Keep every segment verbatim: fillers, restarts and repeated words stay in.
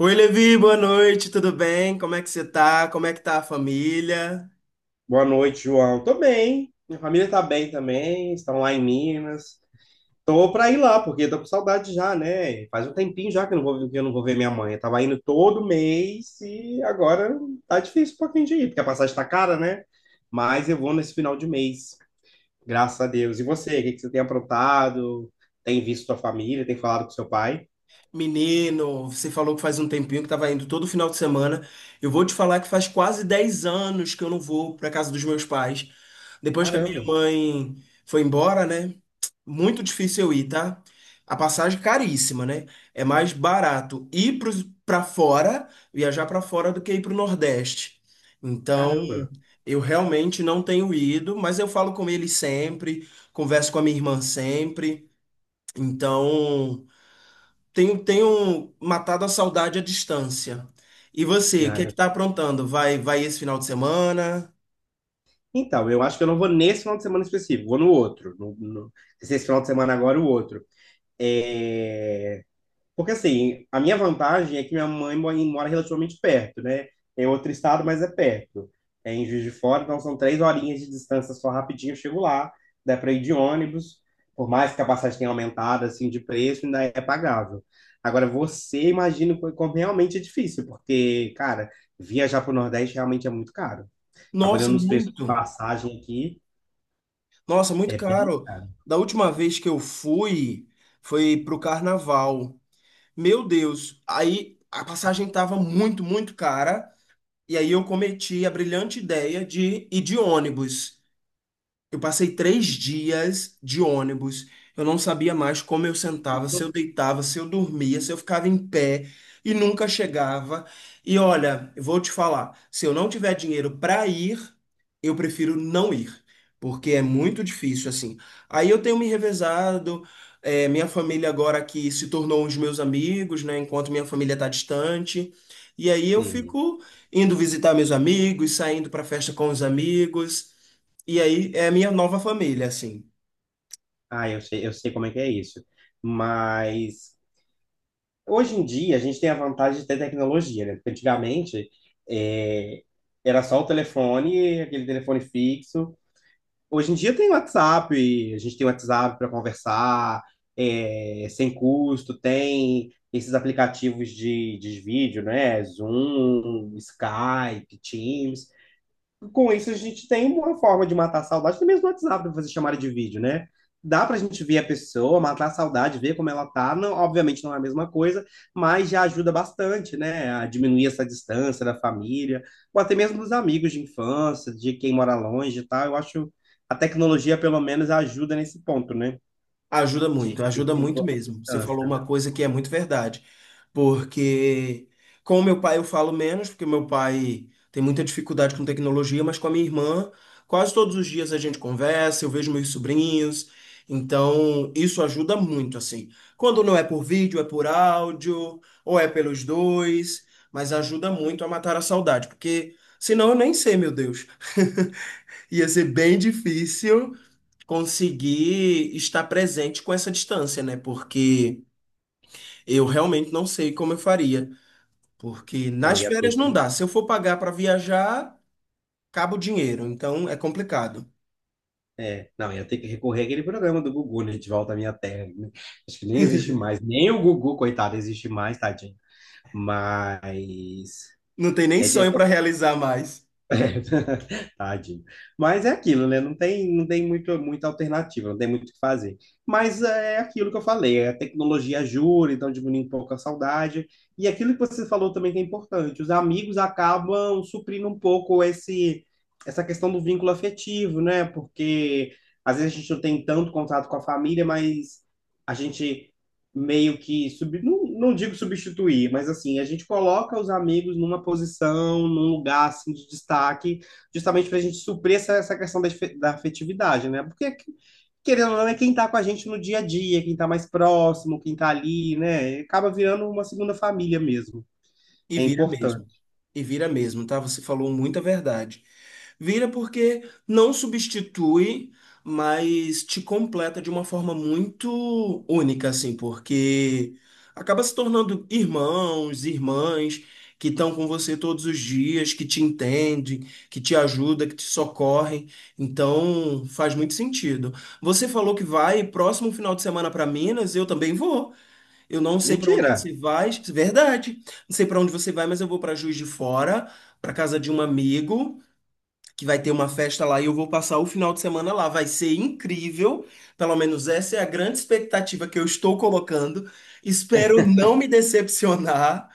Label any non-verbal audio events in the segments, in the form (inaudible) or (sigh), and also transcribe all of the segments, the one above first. Oi, Levi, boa noite, tudo bem? Como é que você tá? Como é que tá a família? Boa noite, João. Tô bem. Minha família tá bem também, estão lá em Minas. Tô pra ir lá, porque tô com saudade já, né? Faz um tempinho já que eu não vou, que eu não vou ver minha mãe. Eu tava indo todo mês e agora tá difícil um pouquinho de ir, porque a passagem tá cara, né? Mas eu vou nesse final de mês, graças a Deus. E você, o que que você tem aprontado? Tem visto sua família? Tem falado com seu pai? Menino, você falou que faz um tempinho que tava indo todo final de semana. Eu vou te falar que faz quase dez anos que eu não vou pra casa dos meus pais. Depois que a minha Caramba, mãe foi embora, né? Muito difícil eu ir, tá? A passagem caríssima, né? É mais barato ir pros- pra fora, viajar pra fora do que ir pro Nordeste. Então, caramba. eu realmente não tenho ido, mas eu falo com ele sempre, converso com a minha irmã sempre. Então, tenho, tenho matado a saudade à distância. E você, o Ah, que é que eu- tá aprontando? Vai, vai esse final de semana? Então, eu acho que eu não vou nesse final de semana específico, vou no outro. No, no... Esse final de semana agora, o outro. É, porque assim, a minha vantagem é que minha mãe mo- mora relativamente perto, né? É outro estado, mas é perto. É em Juiz de Fora, então são três horinhas de distância, só rapidinho eu chego lá, dá para ir de ônibus, por mais que a passagem tenha aumentado assim de preço, ainda é pagável. Agora você imagina co- como realmente é difícil, porque, cara, viajar para o Nordeste realmente é muito caro. Tava Nossa, olhando os preços de muito. passagem aqui, Nossa, muito é bem caro. caro. Da última vez que eu fui, foi pro carnaval. Meu Deus, aí a passagem tava muito, muito cara. E aí eu cometi a brilhante ideia de ir de ônibus. Eu passei três dias de ônibus. Eu não sabia mais como eu sentava, se eu deitava, se eu dormia, se eu ficava em pé e nunca chegava. E olha, eu vou te falar, se eu não tiver dinheiro para ir, eu prefiro não ir, porque é muito difícil assim. Aí eu tenho me revezado, é, minha família agora que se tornou os meus amigos, né? Enquanto minha família está distante. E aí eu Sim. fico indo visitar meus amigos, saindo para festa com os amigos. E aí é a minha nova família, assim. Ah, eu sei, eu sei como é que é isso. Mas hoje em dia, a gente tem a vantagem de ter tecnologia, né? Porque antigamente é, era só o telefone, aquele telefone fixo. Hoje em dia tem WhatsApp, a gente tem WhatsApp para conversar, é, sem custo, tem esses aplicativos de, de vídeo, né? Zoom, Skype, Teams, com isso a gente tem uma forma de matar a saudade, até mesmo no WhatsApp, para fazer chamada de vídeo, né? Dá para a gente ver a pessoa, matar a saudade, ver como ela tá. Não, obviamente não é a mesma coisa, mas já ajuda bastante, né? A diminuir essa distância da família, ou até mesmo dos amigos de infância, de quem mora longe e tal. Eu acho a tecnologia, pelo menos, ajuda nesse ponto, né? Ajuda De muito, ajuda reduzir um muito pouco a mesmo. Você falou distância. uma coisa que é muito verdade. Porque com o meu pai eu falo menos, porque meu pai tem muita dificuldade com tecnologia, mas com a minha irmã, quase todos os dias a gente conversa, eu vejo meus sobrinhos. Então, isso ajuda muito, assim. Quando não é por vídeo, é por áudio, ou é pelos dois, mas ajuda muito a matar a saudade, porque senão eu nem sei, meu Deus. (laughs) Ia ser bem difícil conseguir estar presente com essa distância, né? Porque eu realmente não sei como eu faria. Porque Não, nas ia ter férias não que. dá. Se eu for pagar para viajar, acaba o dinheiro. Então é complicado. É, não, ia ter que recorrer àquele programa do Gugu, né? De volta à minha terra, né? Acho que nem existe mais. Nem o Gugu, coitado, existe mais, tadinho. Mas Não tem nem é, de- é sonho para realizar mais. é, (laughs) Tadinho. Mas é aquilo, né? Não tem, não tem muito, muita alternativa, não tem muito o que fazer. Mas é aquilo que eu falei, é a tecnologia ajuda, então diminui um pouco a saudade. E aquilo que você falou também que é importante, os amigos acabam suprindo um pouco esse, essa questão do vínculo afetivo, né? Porque às vezes a gente não tem tanto contato com a família, mas a gente meio que sub, não, não digo substituir, mas assim, a gente coloca os amigos numa posição, num lugar assim de destaque, justamente para a gente suprir essa, essa questão da, efe- da afetividade, né? Porque querendo ou não é quem está com a gente no dia a dia, quem está mais próximo, quem está ali, né? Acaba virando uma segunda família mesmo. E É vira importante. mesmo. E vira mesmo, tá? Você falou muita verdade. Vira porque não substitui, mas te completa de uma forma muito única, assim, porque acaba se tornando irmãos, irmãs que estão com você todos os dias, que te entendem, que te ajudam, que te socorrem. Então, faz muito sentido. Você falou que vai próximo final de semana para Minas, eu também vou. Eu não sei para onde você Mentira. vai, verdade. Não sei para onde você vai, mas eu vou para Juiz de Fora, para casa de um amigo, que vai ter uma festa lá e eu vou passar o final de semana lá. Vai ser incrível. Pelo menos essa é a grande expectativa que eu estou colocando. Espero não me decepcionar,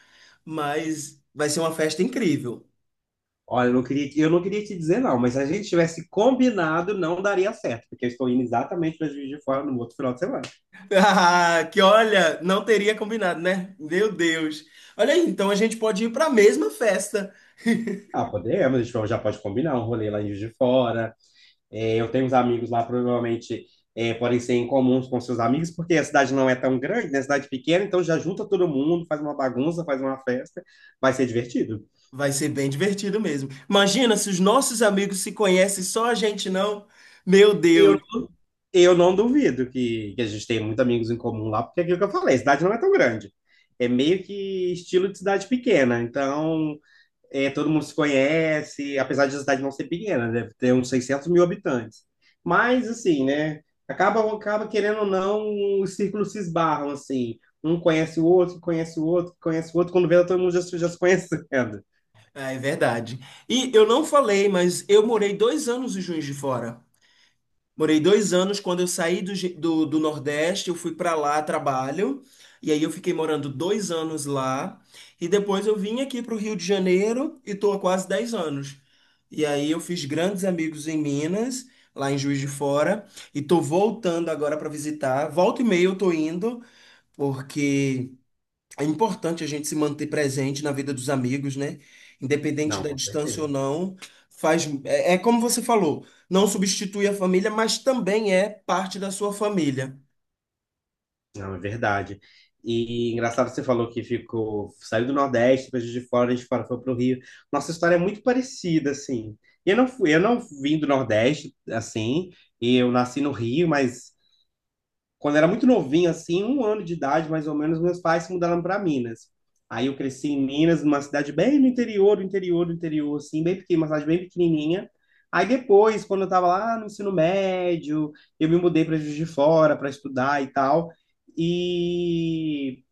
mas vai ser uma festa incrível. (laughs) Olha, eu não queria, eu não queria te dizer não, mas se a gente tivesse combinado, não daria certo, porque eu estou indo exatamente para Juiz de Fora no outro final de semana. Ah, que olha, não teria combinado, né? Meu Deus. Olha aí, então a gente pode ir para a mesma festa. Ah, podemos, a gente já pode combinar um rolê lá em Juiz de Fora. É, eu tenho uns amigos lá, provavelmente é, podem ser em comuns com seus amigos, porque a cidade não é tão grande, né? A cidade pequena, então já junta todo mundo, faz uma bagunça, faz uma festa, vai ser divertido. Vai ser bem divertido mesmo. Imagina se os nossos amigos se conhecem, só a gente não. Meu Eu, Deus. eu não duvido que, que a gente tem muitos amigos em comum lá, porque é aquilo que eu falei, a cidade não é tão grande. É meio que estilo de cidade pequena, então é, todo mundo se conhece, apesar de a cidade não ser pequena, né? Deve ter uns seiscentos mil habitantes. Mas, assim, né? Acaba, acaba querendo ou não, os círculos se esbarram, assim. Um conhece o outro, conhece o outro, conhece o outro. Quando vê, todo mundo já, se- já se conhecendo. (laughs) Ah, é verdade. E eu não falei, mas eu morei dois anos em Juiz de Fora. Morei dois anos quando eu saí do, Ge- do, do Nordeste, eu fui para lá a trabalho. E aí eu fiquei morando dois anos lá. E depois eu vim aqui para o Rio de Janeiro e estou há quase dez anos. E aí eu fiz grandes amigos em Minas, lá em Juiz de Fora. E tô voltando agora para visitar. Volta e meia eu tô indo, porque é importante a gente se manter presente na vida dos amigos, né? Independente Não, da com distância certeza. ou não, faz é, é como você falou, não substitui a família, mas também é parte da sua família. Não, é verdade. E engraçado que você falou que ficou, saiu do Nordeste, depois de fora, a gente fora foi para o Rio. Nossa história é muito parecida, assim. Eu não fui, eu não vim do Nordeste, assim, e eu nasci no Rio, mas quando eu era muito novinho, assim, um ano de idade, mais ou menos, meus pais se mudaram para Minas. Aí eu cresci em Minas, numa cidade bem no interior, do interior, do interior, assim, bem pequena, uma cidade bem pequenininha. Aí depois, quando eu estava lá no ensino médio, eu me mudei para Juiz de Fora para estudar e tal, e,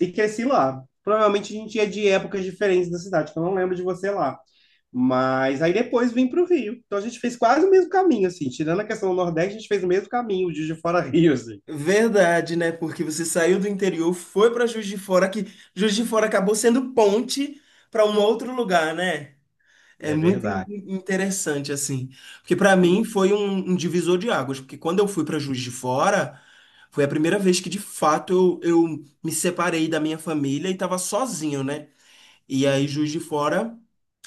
e cresci lá. Provavelmente a gente ia de épocas diferentes da cidade, que eu não lembro de você lá. Mas aí depois vim para o Rio. Então a gente fez quase o mesmo caminho, assim. Tirando a questão do Nordeste, a gente fez o mesmo caminho, de Juiz de Fora a Rio, assim. Verdade, né? Porque você saiu do interior, foi para Juiz de Fora, que Juiz de Fora acabou sendo ponte para um outro lugar, né? É É muito in- verdade. in- interessante, assim. Porque para mim foi um, um divisor de águas. Porque quando eu fui para Juiz de Fora, foi a primeira vez que de fato eu, eu me separei da minha família e estava sozinho, né? E aí, Juiz de Fora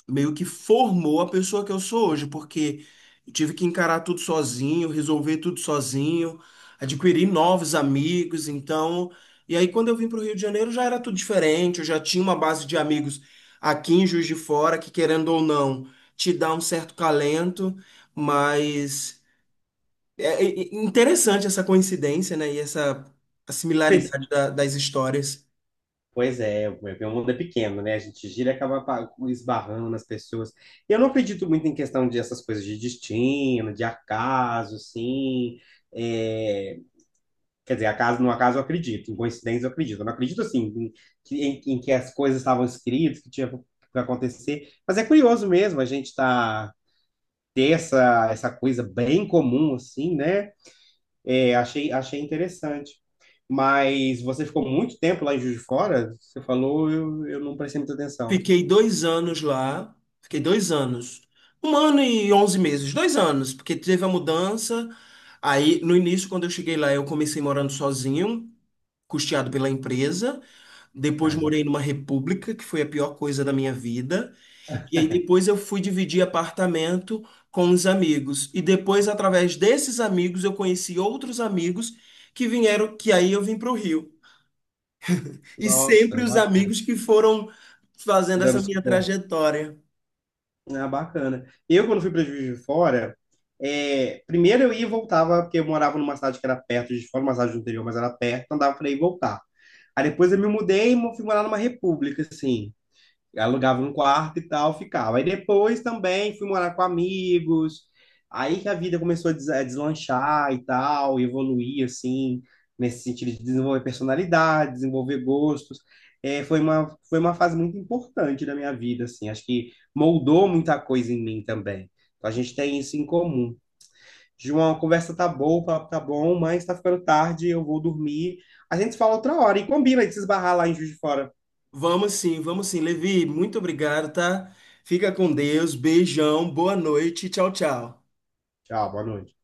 meio que formou a pessoa que eu sou hoje, porque eu tive que encarar tudo sozinho, resolver tudo sozinho, adquirir novos amigos, então, e aí quando eu vim para o Rio de Janeiro já era tudo diferente, eu já tinha uma base de amigos aqui em Juiz de Fora que, querendo ou não, te dá um certo calento, mas é é- é interessante essa coincidência, né, e essa a Pois, similaridade da- das histórias. pois é, o meu mundo é pequeno, né? A gente gira e acaba pa- esbarrando nas pessoas. E eu não acredito muito em questão de essas coisas de destino, de acaso, assim. É, quer dizer, acaso, no acaso eu acredito, em coincidência eu acredito. Eu não acredito, assim, em, que- em, em que as coisas estavam escritas, que tinha para acontecer. Mas é curioso mesmo a gente tá, ter essa, essa coisa bem comum, assim, né? É, achei, achei interessante. Mas você ficou muito tempo lá em Juiz de Fora? Você falou, eu, eu não prestei muita atenção. Fiquei dois anos lá. Fiquei dois anos. Um ano e onze meses. Dois anos, porque teve a mudança. Aí, no início, quando eu cheguei lá, eu comecei morando sozinho, custeado pela empresa. Depois Ah, é morei bacana. numa república, que foi a pior coisa da minha vida. E aí depois eu fui dividir apartamento com uns amigos. E depois, através desses amigos, eu conheci outros amigos que vieram, que aí eu vim para o Rio. E Nossa, sempre é os bacana. amigos que foram fazendo Dando essa minha suporte. trajetória. Ah, bacana. Eu, quando fui para Juiz de Fora, é, primeiro eu ia e voltava, porque eu morava numa cidade que era perto de Juiz de Fora, uma cidade do interior, mas era perto, então dava para ir e voltar. Aí depois eu me mudei e mo- fui morar numa república, assim. Alugava um quarto e tal, ficava. Aí depois também fui morar com amigos, aí que a vida começou a des- a deslanchar e tal, e evoluir assim, nesse sentido de desenvolver personalidade, desenvolver gostos. É, foi uma, foi uma fase muito importante da minha vida, assim, acho que moldou muita coisa em mim também. Então a gente tem isso em comum. João, a conversa tá boa, o papo tá bom, mas tá ficando tarde, eu vou dormir. A gente se fala outra hora e combina de se esbarrar lá em Juiz de Fora. Vamos sim, vamos sim. Levi, muito obrigado, tá? Fica com Deus, beijão, boa noite, tchau, tchau. Tchau, boa noite.